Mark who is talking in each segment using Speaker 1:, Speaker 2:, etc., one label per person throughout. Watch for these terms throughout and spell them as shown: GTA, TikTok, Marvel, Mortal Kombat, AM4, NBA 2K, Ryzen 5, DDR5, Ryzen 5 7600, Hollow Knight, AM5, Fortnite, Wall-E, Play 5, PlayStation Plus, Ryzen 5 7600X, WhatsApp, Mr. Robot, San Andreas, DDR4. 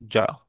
Speaker 1: Ya.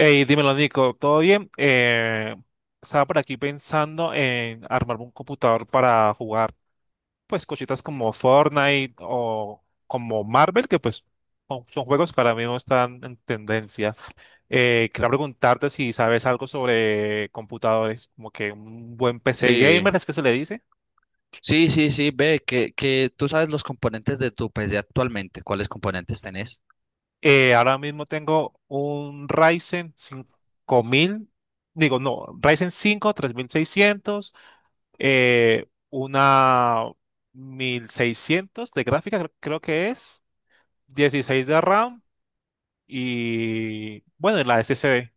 Speaker 1: Hey, dímelo, Nico, ¿todo bien? Estaba por aquí pensando en armarme un computador para jugar, pues, cositas como Fortnite o como Marvel, que pues son juegos que ahora mismo están en tendencia. Quería preguntarte si sabes algo sobre computadores, como que un buen PC
Speaker 2: Sí,
Speaker 1: gamer, ¿es que se le dice?
Speaker 2: sí, sí, sí, ve que tú sabes los componentes de tu PC actualmente, ¿cuáles componentes tenés?
Speaker 1: Ahora mismo tengo un Ryzen 5000, digo, no, Ryzen 5 3600, una 1600 de gráfica, creo que es, 16 de RAM y, bueno, y la SSD.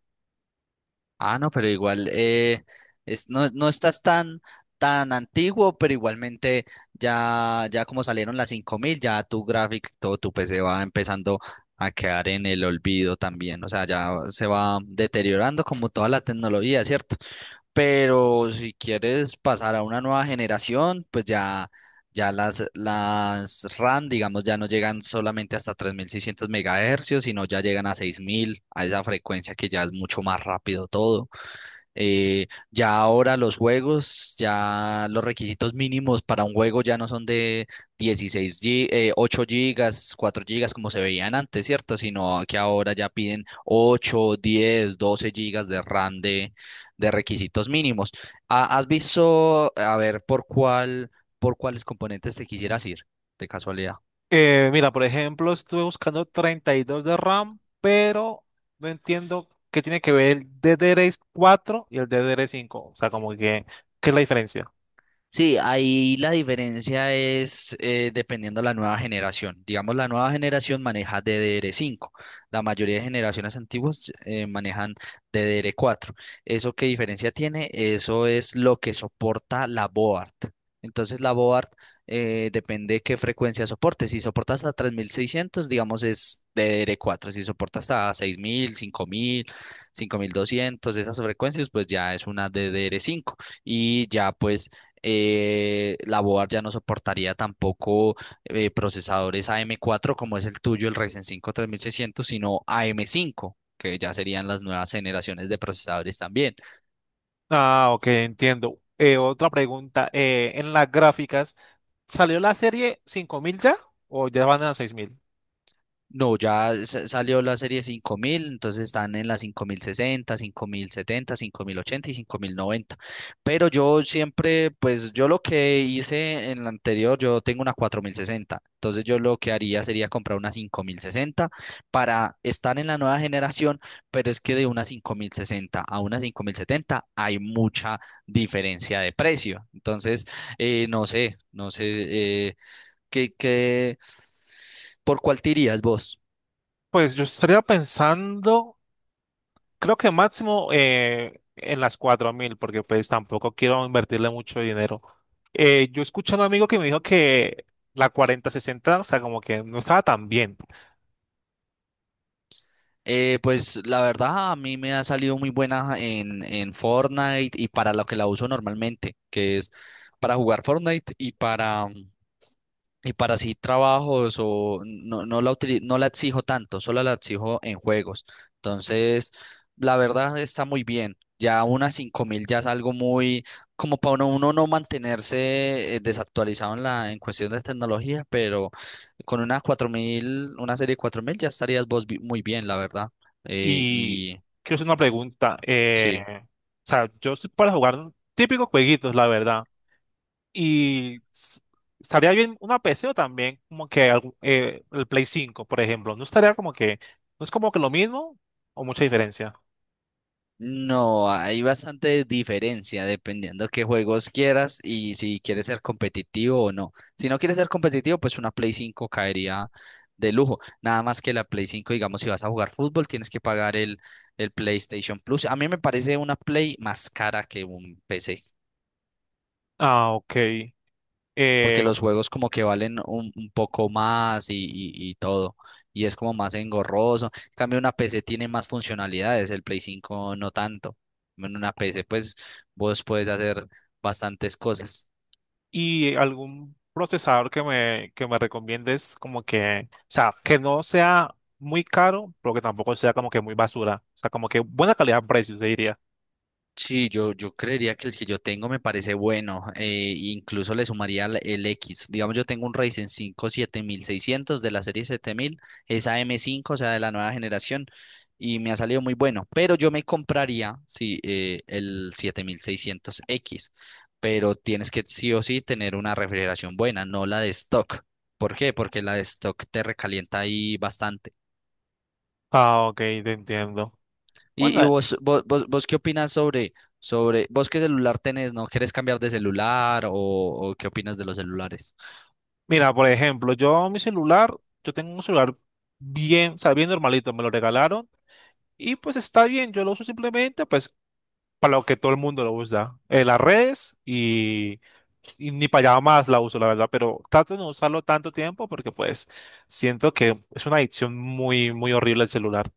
Speaker 2: Ah, no, pero igual, es, no estás tan, tan antiguo, pero igualmente ya como salieron las 5000, ya todo tu PC va empezando a quedar en el olvido también, o sea, ya se va deteriorando como toda la tecnología, ¿cierto? Pero si quieres pasar a una nueva generación, pues ya las RAM, digamos, ya no llegan solamente hasta 3600 MHz, sino ya llegan a 6000, a esa frecuencia que ya es mucho más rápido todo. Ya ahora los juegos, ya los requisitos mínimos para un juego ya no son de 8 gigas, 4 gigas como se veían antes, ¿cierto? Sino que ahora ya piden 8, 10, 12 gigas de RAM de requisitos mínimos. Ah, ¿has visto, a ver, por cuáles componentes te quisieras ir, de casualidad?
Speaker 1: Mira, por ejemplo, estuve buscando 32 de RAM, pero no entiendo qué tiene que ver el D D DDR4 y el D D DDR5. O sea, como que, ¿qué es la diferencia?
Speaker 2: Sí, ahí la diferencia es, dependiendo de la nueva generación. Digamos, la nueva generación maneja DDR cinco. La mayoría de generaciones antiguas, manejan DDR cuatro. ¿Eso qué diferencia tiene? Eso es lo que soporta la board. Entonces, la board, depende qué frecuencia soporte. Si soporta hasta 3600, digamos, es DDR cuatro. Si soporta hasta seis mil, mil, cinco mil, 5200, esas frecuencias, pues ya es una DDR cinco. Y ya, pues, la board ya no soportaría tampoco, procesadores AM4 como es el tuyo, el Ryzen cinco 3600, sino AM5, que ya serían las nuevas generaciones de procesadores también.
Speaker 1: Ah, ok, entiendo. Otra pregunta. En las gráficas, ¿salió la serie 5000 ya o ya van a 6000?
Speaker 2: No, ya salió la serie 5000, entonces están en la 5060, 5070, 5080 y 5090. Pero yo siempre, pues yo lo que hice en la anterior, yo tengo una 4060. Entonces yo lo que haría sería comprar una 5060 para estar en la nueva generación, pero es que de una 5060 a una 5070 hay mucha diferencia de precio. Entonces, no sé, ¿qué, por cuál te irías vos?
Speaker 1: Pues yo estaría pensando. Creo que máximo en las 4000, porque pues tampoco quiero invertirle mucho dinero. Yo escuché a un amigo que me dijo que la 4060, o sea, como que no estaba tan bien.
Speaker 2: Pues la verdad a mí me ha salido muy buena en Fortnite y para lo que la uso normalmente, que es para jugar Fortnite y para sí trabajos o no, no la exijo tanto, solo la exijo en juegos. Entonces, la verdad está muy bien. Ya unas 5000 ya es algo muy como para uno no mantenerse, desactualizado en la en cuestión de tecnología, pero con una 4000, una serie 4000 ya estarías vos muy bien, la verdad. Eh,
Speaker 1: Y
Speaker 2: y
Speaker 1: quiero hacer una pregunta.
Speaker 2: sí.
Speaker 1: O sea, yo estoy para jugar típicos jueguitos, la verdad. Y estaría bien una PC o también como que el Play 5 por ejemplo. No estaría como que, no es como que lo mismo o mucha diferencia.
Speaker 2: No, hay bastante diferencia dependiendo qué juegos quieras y si quieres ser competitivo o no. Si no quieres ser competitivo, pues una Play 5 caería de lujo. Nada más que la Play 5, digamos, si vas a jugar fútbol, tienes que pagar el PlayStation Plus. A mí me parece una Play más cara que un PC,
Speaker 1: Ah, ok.
Speaker 2: porque
Speaker 1: Eh,
Speaker 2: los juegos como que valen un poco más y todo, y es como más engorroso. En cambio, una PC tiene más funcionalidades, el Play 5 no tanto. En una PC, pues vos puedes hacer bastantes cosas.
Speaker 1: ¿Y algún procesador que me recomiendes como que, o sea, que no sea muy caro, pero que tampoco sea como que muy basura? O sea, como que buena calidad-precio, se diría.
Speaker 2: Sí, yo creería que el que yo tengo me parece bueno, incluso le sumaría el X. Digamos, yo tengo un Ryzen 5 7600 de la serie 7000, esa M5, o sea, de la nueva generación, y me ha salido muy bueno, pero yo me compraría, sí, el 7600X, pero tienes que sí o sí tener una refrigeración buena, no la de stock. ¿Por qué? Porque la de stock te recalienta ahí bastante.
Speaker 1: Ah, ok, te entiendo.
Speaker 2: Y,
Speaker 1: Bueno,
Speaker 2: y vos, qué opinas sobre, vos qué celular tenés, ¿no? ¿Quieres cambiar de celular o qué opinas de los celulares?
Speaker 1: mira, por ejemplo, yo mi celular, yo tengo un celular bien, o sea, bien normalito, me lo regalaron. Y pues está bien, yo lo uso simplemente pues para lo que todo el mundo lo usa, en las redes y ni para allá más la uso, la verdad, pero trato de no usarlo tanto tiempo porque pues siento que es una adicción muy, muy horrible el celular.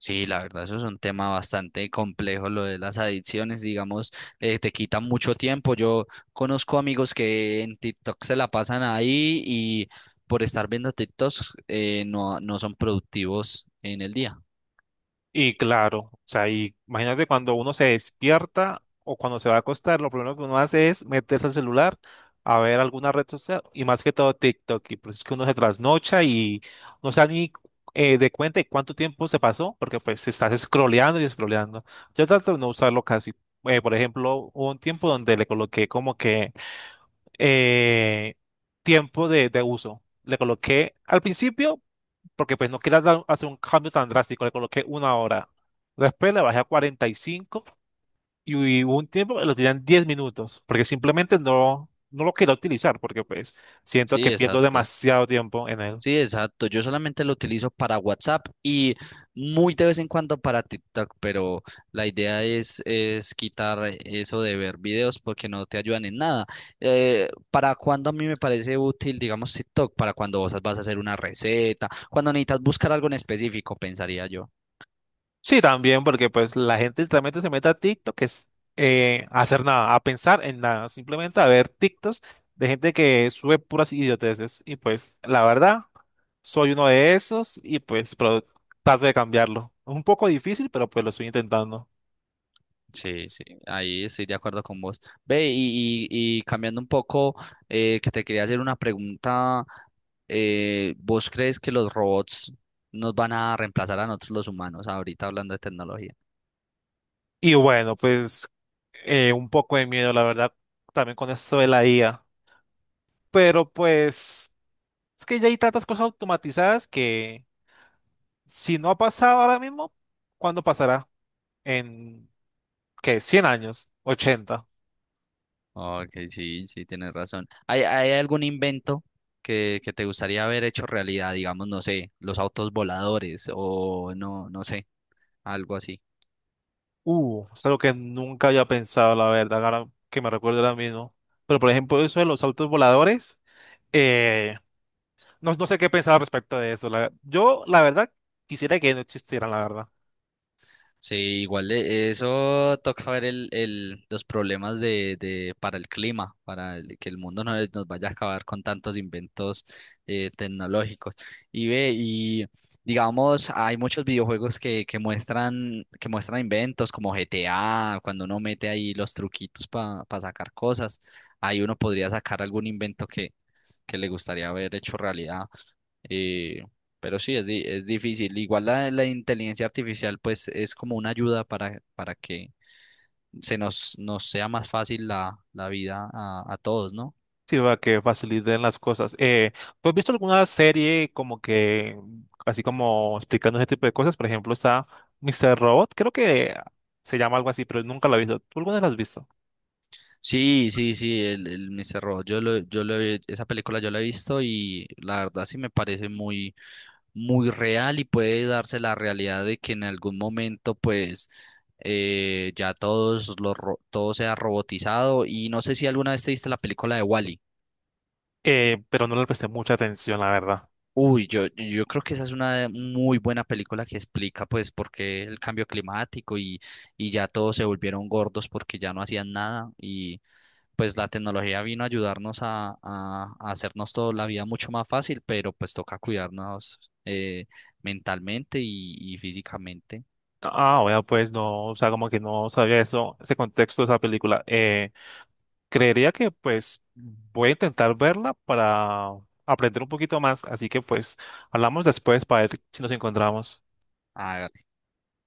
Speaker 2: Sí, la verdad, eso es un tema bastante complejo, lo de las adicciones, digamos, te quita mucho tiempo. Yo conozco amigos que en TikTok se la pasan ahí y por estar viendo TikToks, no son productivos en el día.
Speaker 1: Y claro, o sea, y imagínate cuando uno se despierta o cuando se va a acostar, lo primero que uno hace es meterse al celular a ver alguna red social y más que todo TikTok. Y pues es que uno se trasnocha y no se da ni de cuenta de cuánto tiempo se pasó, porque pues estás scrolleando y scrolleando. Yo trato de no usarlo casi. Por ejemplo, hubo un tiempo donde le coloqué como que eh, tiempo de uso. Le coloqué al principio porque pues no quería hacer un cambio tan drástico, le coloqué una hora. Después le bajé a 45 y hubo un tiempo que lo tenían 10 minutos, porque simplemente no lo quería utilizar, porque pues siento
Speaker 2: Sí,
Speaker 1: que pierdo
Speaker 2: exacto.
Speaker 1: demasiado tiempo en él.
Speaker 2: Sí, exacto. Yo solamente lo utilizo para WhatsApp y muy de vez en cuando para TikTok, pero la idea es quitar eso de ver videos porque no te ayudan en nada. ¿Para cuando a mí me parece útil, digamos, TikTok? Para cuando vos vas a hacer una receta, cuando necesitas buscar algo en específico, pensaría yo.
Speaker 1: Sí, también porque pues la gente literalmente se mete a TikTok, que es a hacer nada, a pensar en nada, simplemente a ver TikToks de gente que sube puras idioteces. Y pues la verdad, soy uno de esos y pues pero trato de cambiarlo. Es un poco difícil, pero pues lo estoy intentando.
Speaker 2: Sí, sí, ahí estoy de acuerdo con vos. Ve, y cambiando un poco, que te quería hacer una pregunta, ¿vos crees que los robots nos van a reemplazar a nosotros los humanos, ahorita hablando de tecnología?
Speaker 1: Y bueno, pues un poco de miedo, la verdad, también con esto de la IA. Pero pues es que ya hay tantas cosas automatizadas que si no ha pasado ahora mismo, ¿cuándo pasará? ¿En qué? ¿100 años? ¿80?
Speaker 2: Ok, sí, sí, tienes razón. ¿Hay algún invento que te gustaría haber hecho realidad? Digamos, no sé, los autos voladores o no sé, algo así.
Speaker 1: Es algo que nunca había pensado, la verdad, ahora que me recuerdo ahora mismo. Pero por ejemplo, eso de los autos voladores, eh, no, sé qué pensar al respecto de eso. Yo, la verdad, quisiera que no existieran, la verdad.
Speaker 2: Sí, igual, eso toca ver los problemas para el clima, que el mundo no nos vaya a acabar con tantos inventos, tecnológicos. Y ve, y digamos, hay muchos videojuegos que muestran inventos como GTA, cuando uno mete ahí los truquitos para sacar cosas, ahí uno podría sacar algún invento que le gustaría haber hecho realidad. Y, pero sí, es difícil. Igual la inteligencia artificial, pues, es como una ayuda para que nos sea más fácil la vida a todos, ¿no?
Speaker 1: Sí, va que faciliten las cosas. ¿Tú has visto alguna serie como que, así como explicando ese tipo de cosas? Por ejemplo, está Mr. Robot, creo que se llama algo así, pero nunca la he visto. ¿Tú alguna vez la has visto?
Speaker 2: Sí, sí, sí, el Mr. Robot, esa película yo la he visto y la verdad sí me parece muy, muy real y puede darse la realidad de que en algún momento, pues, ya todos todo sea robotizado. Y no sé si alguna vez te viste la película de Wall.
Speaker 1: Pero no le presté mucha atención, la verdad.
Speaker 2: Uy, yo creo que esa es una muy buena película que explica pues por qué el cambio climático y ya todos se volvieron gordos porque ya no hacían nada y pues la tecnología vino a ayudarnos a hacernos toda la vida mucho más fácil, pero pues toca cuidarnos, mentalmente y físicamente.
Speaker 1: Ah, bueno, pues no, o sea, como que no sabía eso, ese contexto de esa película. Creería que pues voy a intentar verla para aprender un poquito más, así que pues hablamos después para ver si nos encontramos.